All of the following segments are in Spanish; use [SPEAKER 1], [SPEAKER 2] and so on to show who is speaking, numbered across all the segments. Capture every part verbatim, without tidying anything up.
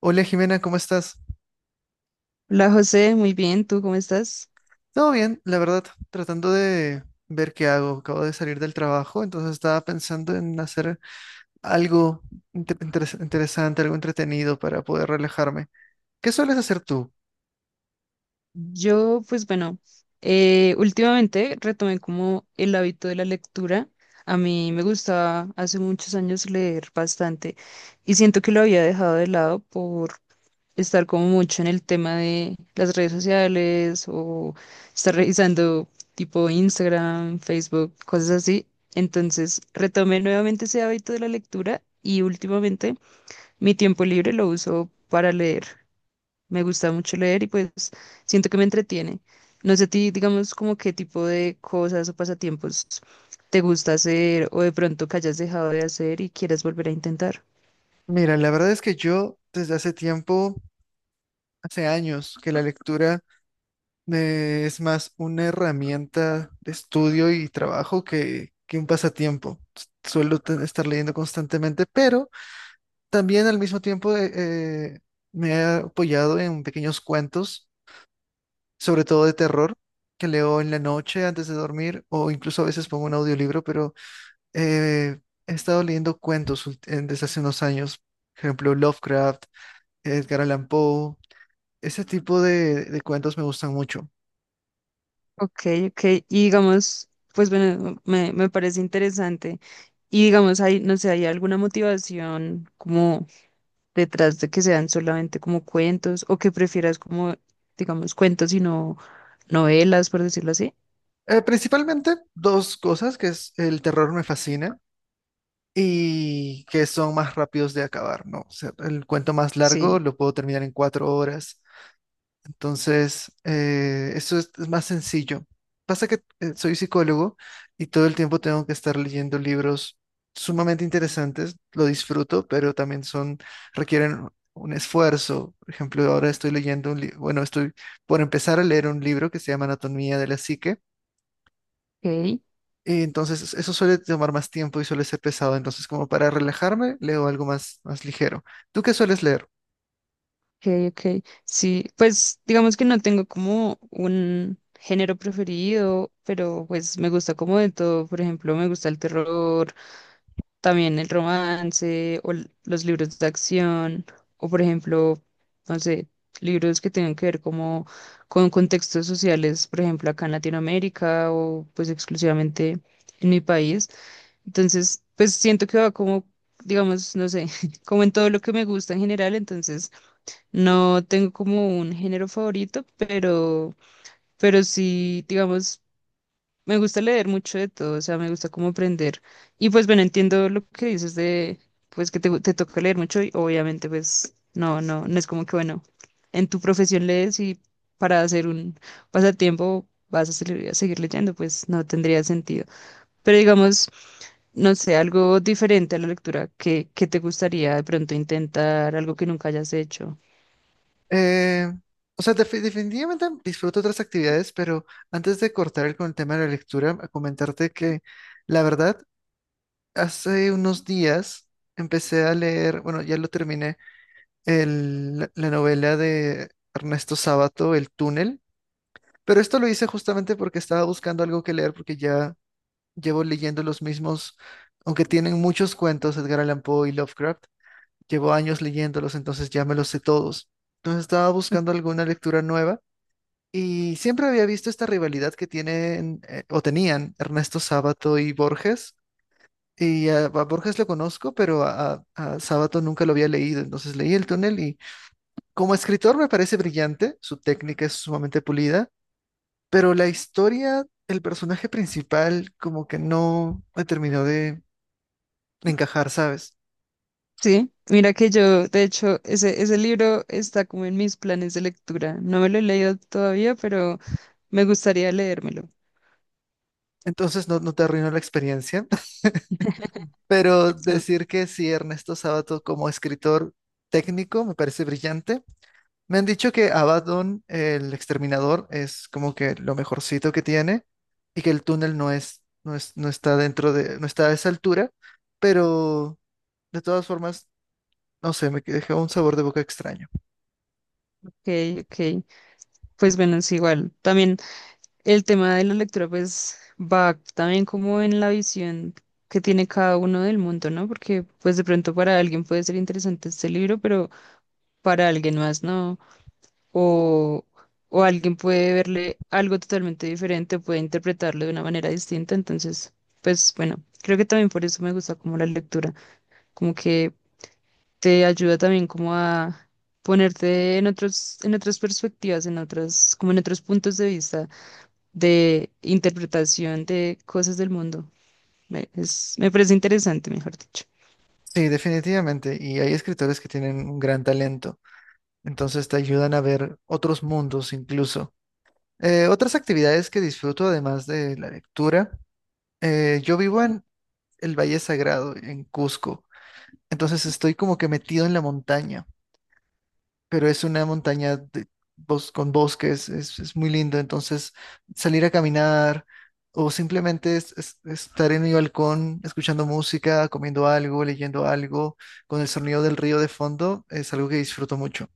[SPEAKER 1] Hola Jimena, ¿cómo estás?
[SPEAKER 2] Hola José, muy bien, ¿tú cómo estás?
[SPEAKER 1] Todo bien, la verdad, tratando de ver qué hago. Acabo de salir del trabajo, entonces estaba pensando en hacer algo inte- interes- interesante, algo entretenido para poder relajarme. ¿Qué sueles hacer tú?
[SPEAKER 2] Yo, pues bueno, eh, últimamente retomé como el hábito de la lectura. A mí me gustaba hace muchos años leer bastante y siento que lo había dejado de lado por estar como mucho en el tema de las redes sociales o estar revisando tipo Instagram, Facebook, cosas así. Entonces retomé nuevamente ese hábito de la lectura y últimamente mi tiempo libre lo uso para leer. Me gusta mucho leer y pues siento que me entretiene. No sé a ti, digamos, como qué tipo de cosas o pasatiempos te gusta hacer o de pronto que hayas dejado de hacer y quieras volver a intentar.
[SPEAKER 1] Mira, la verdad es que yo desde hace tiempo, hace años, que la lectura me es más una herramienta de estudio y trabajo que, que un pasatiempo. S- Suelo te- estar leyendo constantemente, pero también al mismo tiempo eh, eh, me he apoyado en pequeños cuentos, sobre todo de terror, que leo en la noche antes de dormir o incluso a veces pongo un audiolibro, pero eh, he estado leyendo cuentos ult- en- desde hace unos años, por ejemplo Lovecraft, Edgar Allan Poe, ese tipo de, de cuentos me gustan mucho.
[SPEAKER 2] Ok, ok. Y digamos, pues bueno, me, me parece interesante. Y digamos, hay, no sé, ¿hay alguna motivación como detrás de que sean solamente como cuentos o que prefieras como, digamos, cuentos y no novelas, por decirlo así?
[SPEAKER 1] Eh, principalmente dos cosas, que es el terror me fascina y que son más rápidos de acabar, ¿no? O sea, el cuento más largo
[SPEAKER 2] Sí.
[SPEAKER 1] lo puedo terminar en cuatro horas. Entonces, eh, eso es, es más sencillo. Pasa que eh, soy psicólogo y todo el tiempo tengo que estar leyendo libros sumamente interesantes. Lo disfruto, pero también son, requieren un esfuerzo. Por ejemplo, ahora estoy leyendo un libro, bueno, estoy por empezar a leer un libro que se llama Anatomía de la Psique.
[SPEAKER 2] Ok.
[SPEAKER 1] Y entonces eso suele tomar más tiempo y suele ser pesado. Entonces, como para relajarme, leo algo más, más ligero. ¿Tú qué sueles leer?
[SPEAKER 2] Okay, okay, sí, pues digamos que no tengo como un género preferido, pero pues me gusta como de todo. Por ejemplo, me gusta el terror, también el romance o l- los libros de acción, o por ejemplo, no sé, libros que tengan que ver como con contextos sociales, por ejemplo, acá en Latinoamérica o pues exclusivamente en mi país. Entonces, pues siento que va como, digamos, no sé, como en todo lo que me gusta en general, entonces... No tengo como un género favorito, pero, pero sí, digamos, me gusta leer mucho de todo, o sea, me gusta como aprender. Y pues bueno, entiendo lo que dices de, pues que te, gu- te toca leer mucho y obviamente pues no, no, no es como que bueno, en tu profesión lees y para hacer un pasatiempo vas a seguir, a seguir leyendo, pues no tendría sentido. Pero digamos, no sé, algo diferente a la lectura que, que te gustaría de pronto intentar, algo que nunca hayas hecho.
[SPEAKER 1] Eh, o sea, defi- definitivamente disfruto otras actividades, pero antes de cortar con el tema de la lectura, a comentarte que la verdad, hace unos días empecé a leer, bueno, ya lo terminé, el- la la novela de Ernesto Sábato, El túnel, pero esto lo hice justamente porque estaba buscando algo que leer porque ya llevo leyendo los mismos, aunque tienen muchos cuentos, Edgar Allan Poe y Lovecraft, llevo años leyéndolos, entonces ya me los sé todos. Entonces estaba buscando alguna lectura nueva y siempre había visto esta rivalidad que tienen eh, o tenían Ernesto Sábato y Borges. Y a, a Borges lo conozco, pero a, a- a Sábato nunca lo había leído. Entonces leí El túnel y como escritor me parece brillante, su técnica es sumamente pulida, pero la historia, el personaje principal como que no me terminó de encajar, ¿sabes?
[SPEAKER 2] Sí, mira que yo, de hecho, ese, ese libro está como en mis planes de lectura. No me lo he leído todavía, pero me gustaría leérmelo.
[SPEAKER 1] Entonces no, no te arruinó la experiencia, pero
[SPEAKER 2] Ok,
[SPEAKER 1] decir que sí, Ernesto Sábato como escritor técnico me parece brillante. Me han dicho que Abaddon, el exterminador, es como que lo mejorcito que tiene y que el túnel no es, no es, no está dentro de, no está a esa altura, pero de todas formas, no sé, me dejó un sabor de boca extraño.
[SPEAKER 2] ok. Pues bueno, es igual. También el tema de la lectura, pues va también como en la visión que tiene cada uno del mundo, ¿no? Porque pues de pronto para alguien puede ser interesante este libro, pero para alguien más no. O, o alguien puede verle algo totalmente diferente, puede interpretarlo de una manera distinta. Entonces, pues bueno, creo que también por eso me gusta como la lectura, como que te ayuda también como a ponerte en otros, en otras perspectivas, en otras, como en otros puntos de vista de interpretación de cosas del mundo. Me, es- me parece interesante, mejor dicho.
[SPEAKER 1] Sí, definitivamente, y hay escritores que tienen un gran talento, entonces te ayudan a ver otros mundos incluso. Eh, otras actividades que disfruto además de la lectura, eh, yo vivo en el Valle Sagrado, en Cusco, entonces estoy como que metido en la montaña, pero es una montaña de bos- con bosques, es, es muy lindo. Entonces, salir a caminar o simplemente es- es- estar en mi balcón escuchando música, comiendo algo, leyendo algo, con el sonido del río de fondo, es algo que disfruto mucho.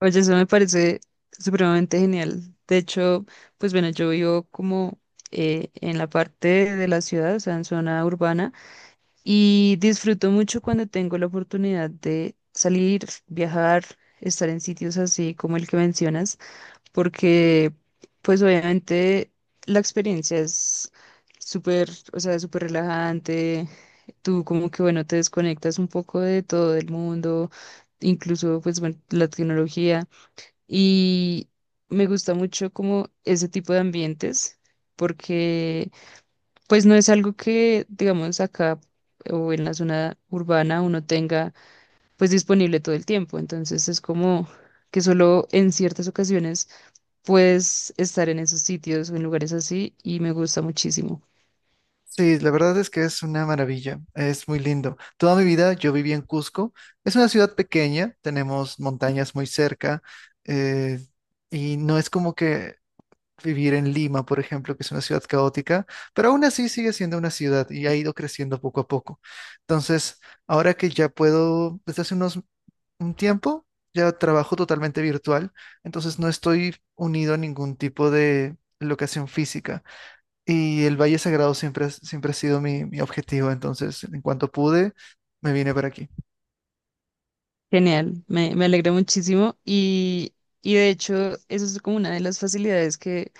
[SPEAKER 2] Oye, eso me parece supremamente genial. De hecho, pues bueno, yo vivo como eh, en la parte de la ciudad, o sea, en zona urbana, y disfruto mucho cuando tengo la oportunidad de salir, viajar, estar en sitios así como el que mencionas, porque pues obviamente la experiencia es súper, o sea, súper relajante, tú como que bueno, te desconectas un poco de todo el mundo, incluso pues bueno, la tecnología. Y me gusta mucho como ese tipo de ambientes, porque pues no es algo que, digamos, acá o en la zona urbana uno tenga pues disponible todo el tiempo. Entonces es como que solo en ciertas ocasiones puedes estar en esos sitios o en lugares así y me gusta muchísimo.
[SPEAKER 1] Sí, la verdad es que es una maravilla, es muy lindo. Toda mi vida yo viví en Cusco, es una ciudad pequeña, tenemos montañas muy cerca, eh, y no es como que vivir en Lima, por ejemplo, que es una ciudad caótica, pero aún así sigue siendo una ciudad y ha ido creciendo poco a poco. Entonces, ahora que ya puedo, desde hace unos un tiempo, ya trabajo totalmente virtual, entonces no estoy unido a ningún tipo de locación física. Y el Valle Sagrado siempre, ha- siempre ha sido mi, mi objetivo, entonces, en cuanto pude, me vine para aquí.
[SPEAKER 2] Genial, me, me alegra muchísimo y, y de hecho eso es como una de las facilidades que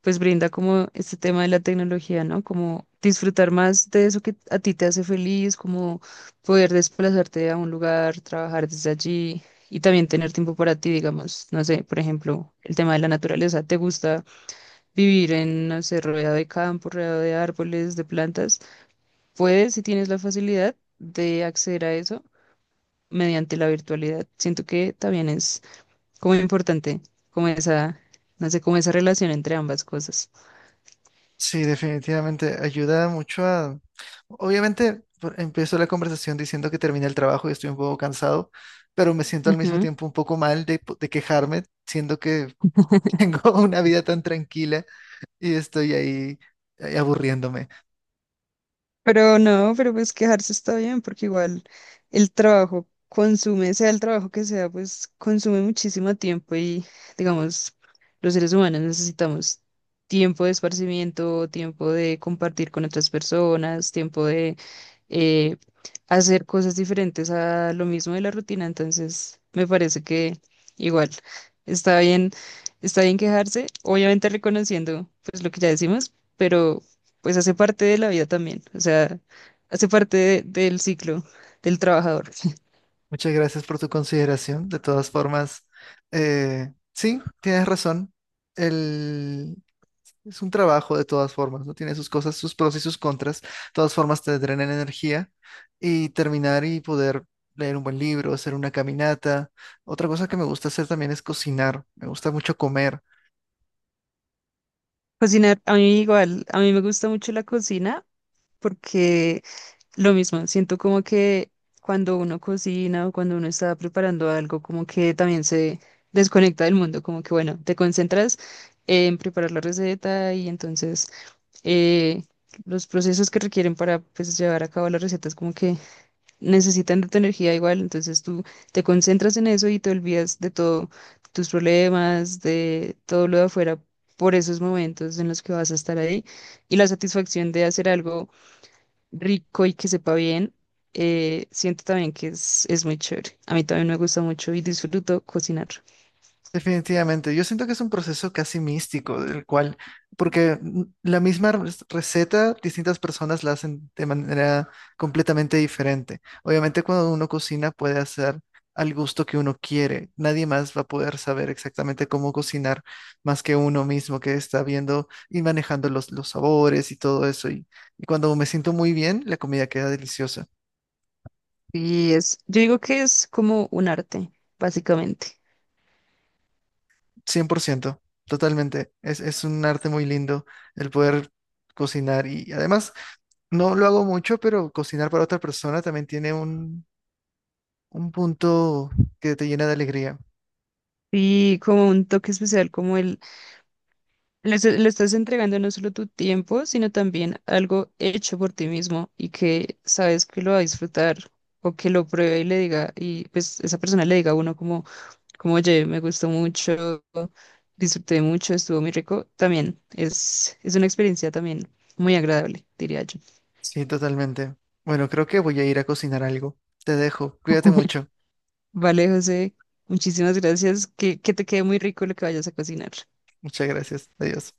[SPEAKER 2] pues brinda como este tema de la tecnología, ¿no? Como disfrutar más de eso que a ti te hace feliz, como poder desplazarte a un lugar, trabajar desde allí y también tener tiempo para ti, digamos, no sé, por ejemplo, el tema de la naturaleza, ¿te gusta vivir en, no sé, rodeado de campo, rodeado de árboles, de plantas? Puedes, si tienes la facilidad de acceder a eso mediante la virtualidad. Siento que también es como importante, como esa, no sé, como esa relación entre ambas cosas.
[SPEAKER 1] Sí, definitivamente ayuda mucho a... Obviamente, por- empiezo la conversación diciendo que terminé el trabajo y estoy un poco cansado, pero me siento al mismo tiempo un poco mal de, po- de quejarme, siendo que tengo una vida tan tranquila y estoy ahí, ahí aburriéndome.
[SPEAKER 2] Pero no, pero pues quejarse está bien, porque igual el trabajo consume, sea el trabajo que sea, pues consume muchísimo tiempo y digamos, los seres humanos necesitamos tiempo de esparcimiento, tiempo de compartir con otras personas, tiempo de eh, hacer cosas diferentes a lo mismo de la rutina. Entonces, me parece que igual está bien, está bien quejarse, obviamente reconociendo pues lo que ya decimos, pero pues hace parte de la vida también, o sea, hace parte de- del ciclo del trabajador.
[SPEAKER 1] Muchas gracias por tu consideración. De todas formas, eh, sí, tienes razón. Es un trabajo de todas formas, ¿no? Tiene sus cosas, sus pros y sus contras. De todas formas te drenan energía y terminar y poder leer un buen libro, hacer una caminata. Otra cosa que me gusta hacer también es cocinar. Me gusta mucho comer.
[SPEAKER 2] Cocinar, a mí igual, a mí me gusta mucho la cocina porque lo mismo, siento como que cuando uno cocina o cuando uno está preparando algo, como que también se desconecta del mundo, como que bueno, te concentras en preparar la receta y entonces eh, los procesos que requieren para pues llevar a cabo la receta es como que necesitan de tu energía igual, entonces tú te concentras en eso y te olvidas de todo, tus problemas, de todo lo de afuera, por esos momentos en los que vas a estar ahí. Y la satisfacción de hacer algo rico y que sepa bien, eh, siento también que es, es muy chévere. A mí también me gusta mucho y disfruto cocinar.
[SPEAKER 1] Definitivamente, yo siento que es un proceso casi místico, del cual, porque mm, la misma re- receta, distintas personas la hacen de manera completamente diferente. Obviamente, cuando uno cocina puede hacer al gusto que uno quiere. Nadie más va a poder saber exactamente cómo cocinar más que uno mismo que está viendo y manejando los, los sabores y todo eso. Y, y cuando me siento muy bien, la comida queda deliciosa.
[SPEAKER 2] Y es, yo digo que es como un arte, básicamente.
[SPEAKER 1] Cien por ciento totalmente. Es, es un arte muy lindo el poder cocinar y además no lo hago mucho, pero cocinar para otra persona también tiene un, un punto que te llena de alegría.
[SPEAKER 2] Y como un toque especial, como Le, est- le estás entregando no solo tu tiempo, sino también algo hecho por ti mismo y que sabes que lo va a disfrutar o que lo pruebe y le diga, y pues esa persona le diga a uno como, como, oye, me gustó mucho, disfruté mucho, estuvo muy rico. También es, es una experiencia también muy agradable, diría yo.
[SPEAKER 1] Sí, totalmente. Bueno, creo que voy a ir a cocinar algo. Te dejo. Cuídate mucho.
[SPEAKER 2] Vale, José, muchísimas gracias. Que, que te quede muy rico lo que vayas a cocinar.
[SPEAKER 1] Muchas gracias. Adiós.